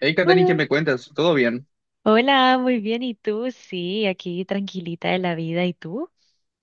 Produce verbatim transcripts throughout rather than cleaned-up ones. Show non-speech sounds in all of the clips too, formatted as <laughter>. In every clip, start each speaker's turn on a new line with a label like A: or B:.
A: Hey, Katani, ¿qué
B: Hola,
A: me cuentas? ¿Todo bien?
B: Hola, muy bien. ¿Y tú? Sí, aquí tranquilita de la vida. ¿Y tú?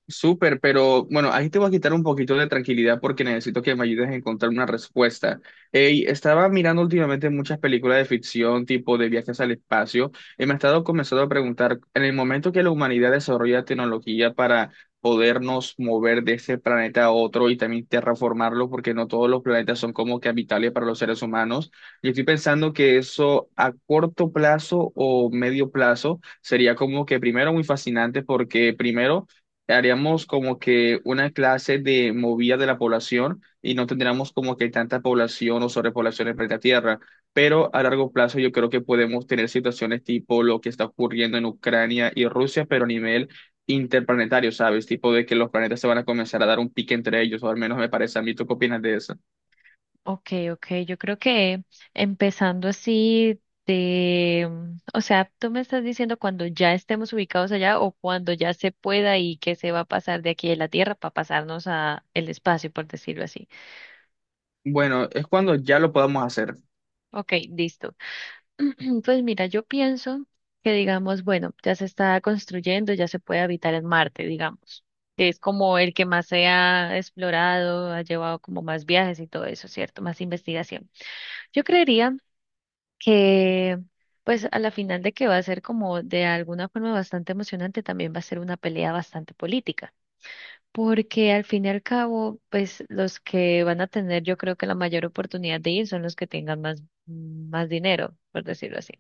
A: Súper, pero bueno, ahí te voy a quitar un poquito de tranquilidad porque necesito que me ayudes a encontrar una respuesta. Ey, estaba mirando últimamente muchas películas de ficción, tipo de viajes al espacio, y me he estado comenzando a preguntar, en el momento que la humanidad desarrolla tecnología para podernos mover de este planeta a otro y también terraformarlo, porque no todos los planetas son como que habitables para los seres humanos, y estoy pensando que eso a corto plazo o medio plazo sería como que primero muy fascinante porque primero haríamos como que una clase de movida de la población y no tendríamos como que tanta población o sobrepoblación en planeta Tierra. Pero a largo plazo yo creo que podemos tener situaciones tipo lo que está ocurriendo en Ucrania y Rusia, pero a nivel interplanetario, ¿sabes? Tipo de que los planetas se van a comenzar a dar un pique entre ellos, o al menos me parece a mí. ¿Tú qué opinas de eso?
B: Ok, ok, yo creo que empezando así de, mm, o sea, tú me estás diciendo cuando ya estemos ubicados allá o cuando ya se pueda y que se va a pasar de aquí de la Tierra para pasarnos a el espacio, por decirlo así.
A: Bueno, es cuando ya lo podamos hacer.
B: Ok, listo. <clears throat> Pues mira, yo pienso que digamos, bueno, ya se está construyendo, ya se puede habitar en Marte, digamos. Es como el que más se ha explorado, ha llevado como más viajes y todo eso, ¿cierto? Más investigación. Yo creería que, pues a la final de que va a ser como de alguna forma bastante emocionante, también va a ser una pelea bastante política porque al fin y al cabo, pues los que van a tener, yo creo que la mayor oportunidad de ir son los que tengan más, más dinero, por decirlo así.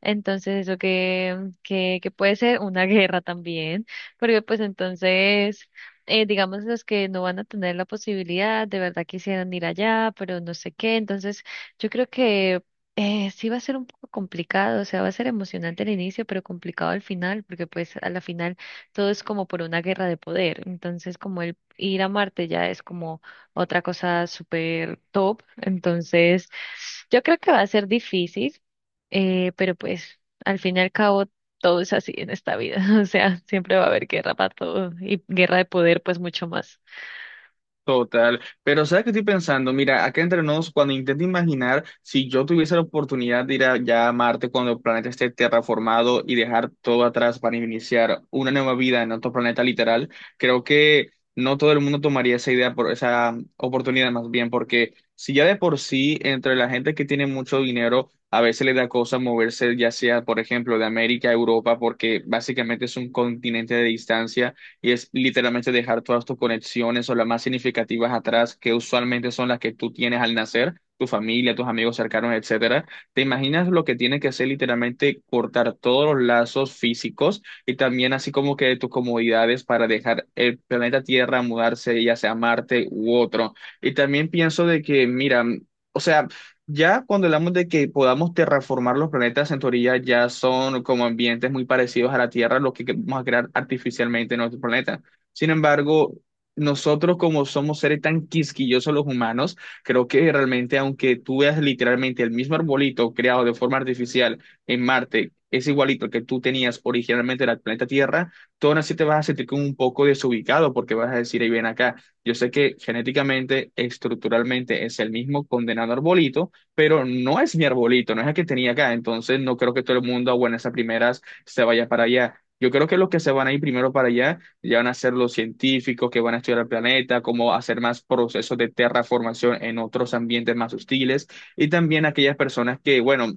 B: Entonces, eso que, que, que puede ser una <laughs> guerra también, porque pues entonces, eh, digamos, los que no van a tener la posibilidad, de verdad quisieran ir allá, pero no sé qué. Entonces, yo creo que... Eh, sí va a ser un poco complicado, o sea, va a ser emocionante al inicio, pero complicado al final, porque pues a la final todo es como por una guerra de poder. Entonces, como el ir a Marte ya es como otra cosa súper top. Entonces, yo creo que va a ser difícil, eh, pero pues al fin y al cabo todo es así en esta vida. <laughs> O sea, siempre va a haber guerra para todo y guerra de poder, pues mucho más.
A: Total, pero ¿sabes qué estoy pensando? Mira, acá entre nos, cuando intento imaginar si yo tuviese la oportunidad de ir a, ya a Marte cuando el planeta esté terraformado y dejar todo atrás para iniciar una nueva vida en otro planeta literal, creo que no todo el mundo tomaría esa idea por esa oportunidad más bien, porque si ya de por sí entre la gente que tiene mucho dinero a veces le da cosa moverse ya sea, por ejemplo, de América a Europa, porque básicamente es un continente de distancia y es literalmente dejar todas tus conexiones o las más significativas atrás, que usualmente son las que tú tienes al nacer, tu familia, tus amigos cercanos, etcétera. ¿Te imaginas lo que tiene que ser literalmente cortar todos los lazos físicos y también así como que tus comodidades para dejar el planeta Tierra, mudarse ya sea a Marte u otro? Y también pienso de que, mira, o sea, ya cuando hablamos de que podamos terraformar los planetas en teoría, ya son como ambientes muy parecidos a la Tierra, lo que vamos a crear artificialmente en nuestro planeta. Sin embargo, nosotros como somos seres tan quisquillosos los humanos, creo que realmente aunque tú veas literalmente el mismo arbolito creado de forma artificial en Marte, es igualito al que tú tenías originalmente en el planeta Tierra, tú aún así te vas a sentir como un poco desubicado porque vas a decir, ahí ven acá, yo sé que genéticamente, estructuralmente es el mismo condenado arbolito pero no es mi arbolito, no es el que tenía acá, entonces no creo que todo el mundo a buenas a primeras se vaya para allá. Yo creo que los que se van a ir primero para allá ya van a ser los científicos que van a estudiar el planeta, cómo hacer más procesos de terraformación en otros ambientes más hostiles, y también aquellas personas que, bueno,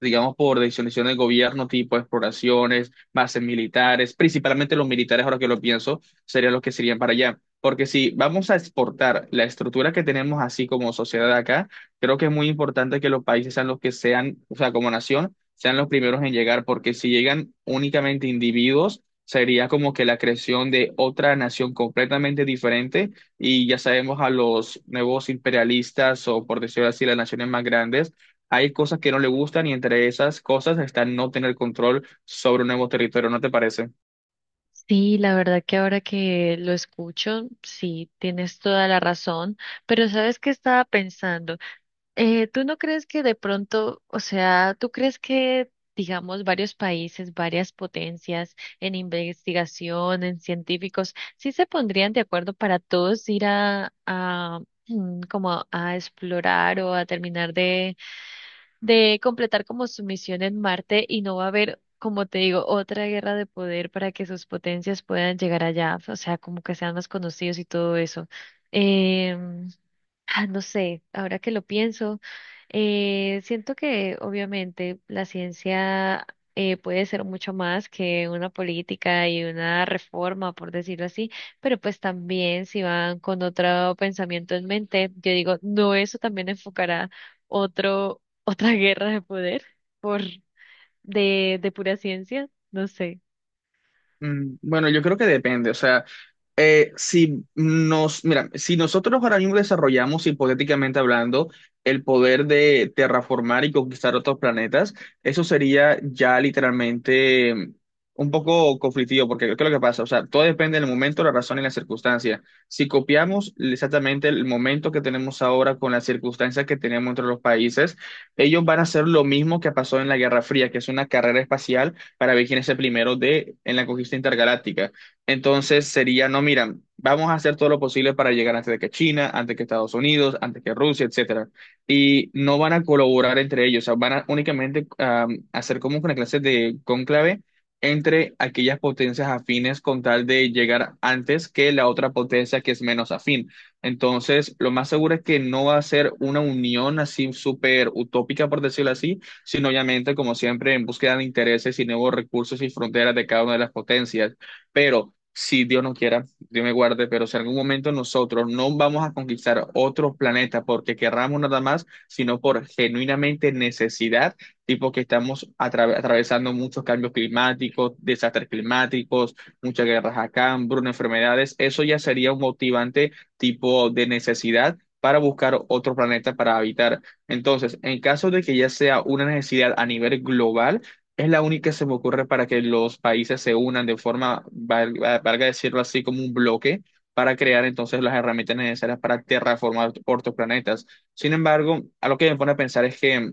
A: digamos, por decisiones del gobierno, tipo exploraciones, bases militares, principalmente los militares, ahora que lo pienso, serían los que se irían para allá. Porque si vamos a exportar la estructura que tenemos así como sociedad acá, creo que es muy importante que los países sean los que sean, o sea, como nación, sean los primeros en llegar, porque si llegan únicamente individuos, sería como que la creación de otra nación completamente diferente y ya sabemos a los nuevos imperialistas o por decirlo así, las naciones más grandes hay cosas que no le gustan y entre esas cosas está no tener control sobre un nuevo territorio, ¿no te parece?
B: Sí, la verdad que ahora que lo escucho, sí, tienes toda la razón, pero ¿sabes qué estaba pensando? Eh, ¿tú no crees que de pronto, o sea, tú crees que, digamos, varios países, varias potencias en investigación, en científicos, sí se pondrían de acuerdo para todos ir a, a <clears throat> mm, como a explorar o a terminar de, de completar como su misión en Marte y no va a haber, como te digo, otra guerra de poder para que sus potencias puedan llegar allá, o sea, como que sean más conocidos y todo eso? Em, Ah, no sé, ahora que lo pienso, eh, siento que obviamente la ciencia eh, puede ser mucho más que una política y una reforma, por decirlo así, pero pues también si van con otro pensamiento en mente, yo digo, no, eso también enfocará otro, <laughs> otra guerra de poder por de, de pura ciencia, no sé.
A: Mm, bueno, yo creo que depende, o sea, eh, si nos, mira, si nosotros ahora mismo desarrollamos, hipotéticamente hablando, el poder de terraformar y conquistar otros planetas, eso sería ya literalmente mm, un poco conflictivo, porque ¿qué es lo que pasa? O sea, todo depende del momento, la razón y la circunstancia. Si copiamos exactamente el momento que tenemos ahora con las circunstancias que tenemos entre los países, ellos van a hacer lo mismo que pasó en la Guerra Fría, que es una carrera espacial para ver quién es el primero de, en la conquista intergaláctica. Entonces sería, no, mira, vamos a hacer todo lo posible para llegar antes de que China, antes que Estados Unidos, antes que Rusia, etcétera. Y no van a colaborar entre ellos, o sea, van a únicamente am, hacer como una clase de cónclave entre aquellas potencias afines con tal de llegar antes que la otra potencia que es menos afín. Entonces, lo más seguro es que no va a ser una unión así súper utópica, por decirlo así, sino obviamente, como siempre, en búsqueda de intereses y nuevos recursos y fronteras de cada una de las potencias. Pero si Dios no quiera, Dios me guarde, pero si en algún momento nosotros no vamos a conquistar otros planetas porque querramos nada más, sino por genuinamente necesidad, tipo que estamos atra- atravesando muchos cambios climáticos, desastres climáticos, muchas guerras acá, hambruna, enfermedades, eso ya sería un motivante tipo de necesidad para buscar otro planeta para habitar. Entonces, en caso de que ya sea una necesidad a nivel global, es la única que se me ocurre para que los países se unan de forma, val- valga decirlo así, como un bloque para crear entonces las herramientas necesarias para terraformar otros planetas. Sin embargo, algo que me pone a pensar es que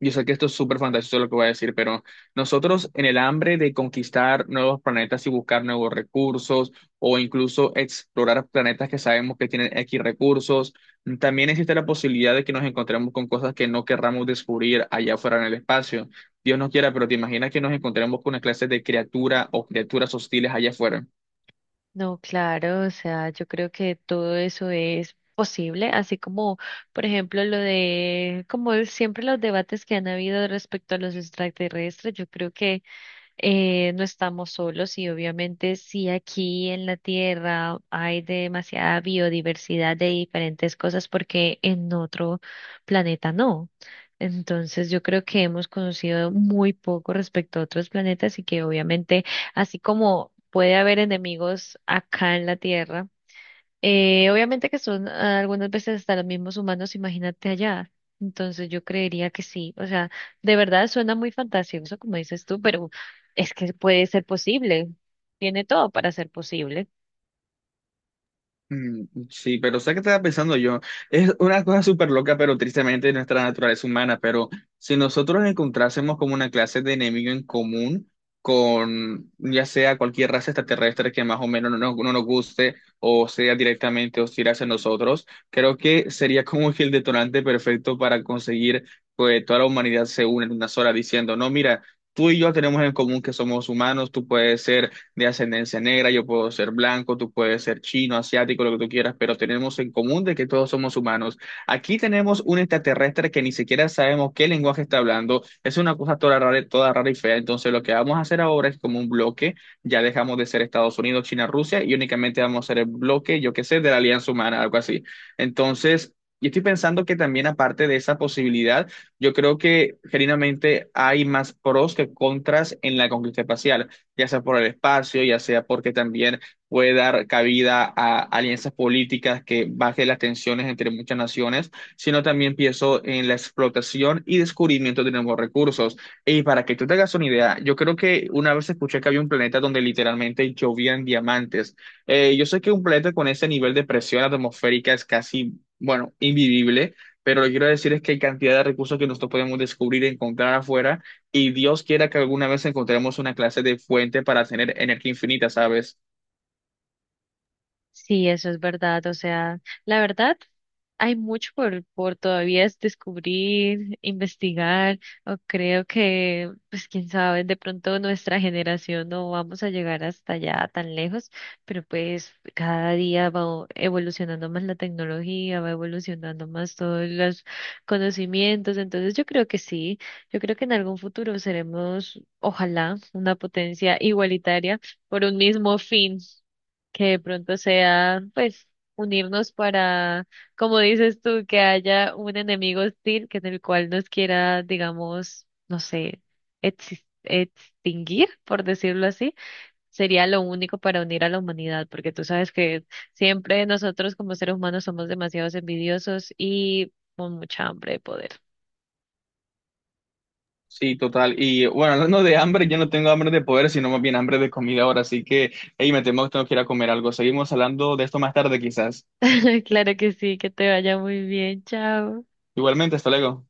A: yo sé que esto es súper fantasioso lo que voy a decir, pero nosotros en el hambre de conquistar nuevos planetas y buscar nuevos recursos o incluso explorar planetas que sabemos que tienen X recursos, también existe la posibilidad de que nos encontremos con cosas que no querramos descubrir allá afuera en el espacio. Dios no quiera, pero te imaginas que nos encontremos con una clase de criatura o criaturas hostiles allá afuera.
B: No, claro, o sea, yo creo que todo eso es posible, así como, por ejemplo, lo de, como siempre los debates que han habido respecto a los extraterrestres, yo creo que eh, no estamos solos y obviamente sí aquí en la Tierra hay demasiada biodiversidad de diferentes cosas porque en otro planeta no. Entonces yo creo que hemos conocido muy poco respecto a otros planetas y que obviamente así como puede haber enemigos acá en la Tierra, eh, obviamente que son ah, algunas veces hasta los mismos humanos, imagínate allá. Entonces yo creería que sí. O sea, de verdad suena muy fantasioso, como dices tú, pero es que puede ser posible. Tiene todo para ser posible.
A: Mm. Sí, pero ¿sabes qué estaba pensando yo? Es una cosa súper loca, pero tristemente de nuestra naturaleza humana, pero si nosotros encontrásemos como una clase de enemigo en común con ya sea cualquier raza extraterrestre que más o menos no, nos no nos guste o sea directamente hostil hacia nosotros, creo que sería como que el detonante perfecto para conseguir que toda la humanidad se une en una sola diciendo, no, mira, tú y yo tenemos en común que somos humanos, tú puedes ser de ascendencia negra, yo puedo ser blanco, tú puedes ser chino, asiático, lo que tú quieras, pero tenemos en común de que todos somos humanos. Aquí tenemos un extraterrestre que ni siquiera sabemos qué lenguaje está hablando, es una cosa toda rara, toda rara y fea, entonces lo que vamos a hacer ahora es como un bloque, ya dejamos de ser Estados Unidos, China, Rusia y únicamente vamos a ser el bloque, yo qué sé, de la Alianza Humana, algo así. Entonces... Y estoy pensando que también aparte de esa posibilidad, yo creo que genuinamente hay más pros que contras en la conquista espacial ya sea por el espacio, ya sea porque también puede dar cabida a alianzas políticas que baje las tensiones entre muchas naciones, sino también pienso en la explotación y descubrimiento de nuevos recursos. Y para que tú te hagas una idea, yo creo que una vez escuché que había un planeta donde literalmente llovían diamantes. Eh, yo sé que un planeta con ese nivel de presión atmosférica es casi, bueno, invivible. Pero lo que quiero decir es que hay cantidad de recursos que nosotros podemos descubrir y encontrar afuera y Dios quiera que alguna vez encontremos una clase de fuente para tener energía infinita, ¿sabes?
B: Sí, eso es verdad. O sea, la verdad. Hay mucho por, por todavía es descubrir, investigar, o creo que, pues quién sabe, de pronto nuestra generación no vamos a llegar hasta allá tan lejos, pero pues cada día va evolucionando más la tecnología, va evolucionando más todos los conocimientos, entonces yo creo que sí, yo creo que en algún futuro seremos, ojalá, una potencia igualitaria por un mismo fin, que de pronto sea, pues, unirnos para como dices tú, que haya un enemigo hostil que en el cual nos quiera, digamos, no sé, exis- extinguir, por decirlo así, sería lo único para unir a la humanidad, porque tú sabes que siempre nosotros como seres humanos somos demasiados envidiosos y con mucha hambre de poder.
A: Sí, total. Y bueno, hablando de hambre, yo no tengo hambre de poder, sino más bien hambre de comida ahora. Así que, hey, me temo que tengo que ir a comer algo. Seguimos hablando de esto más tarde, quizás.
B: <laughs> Claro que sí, que te vaya muy bien, chao.
A: Igualmente, hasta luego.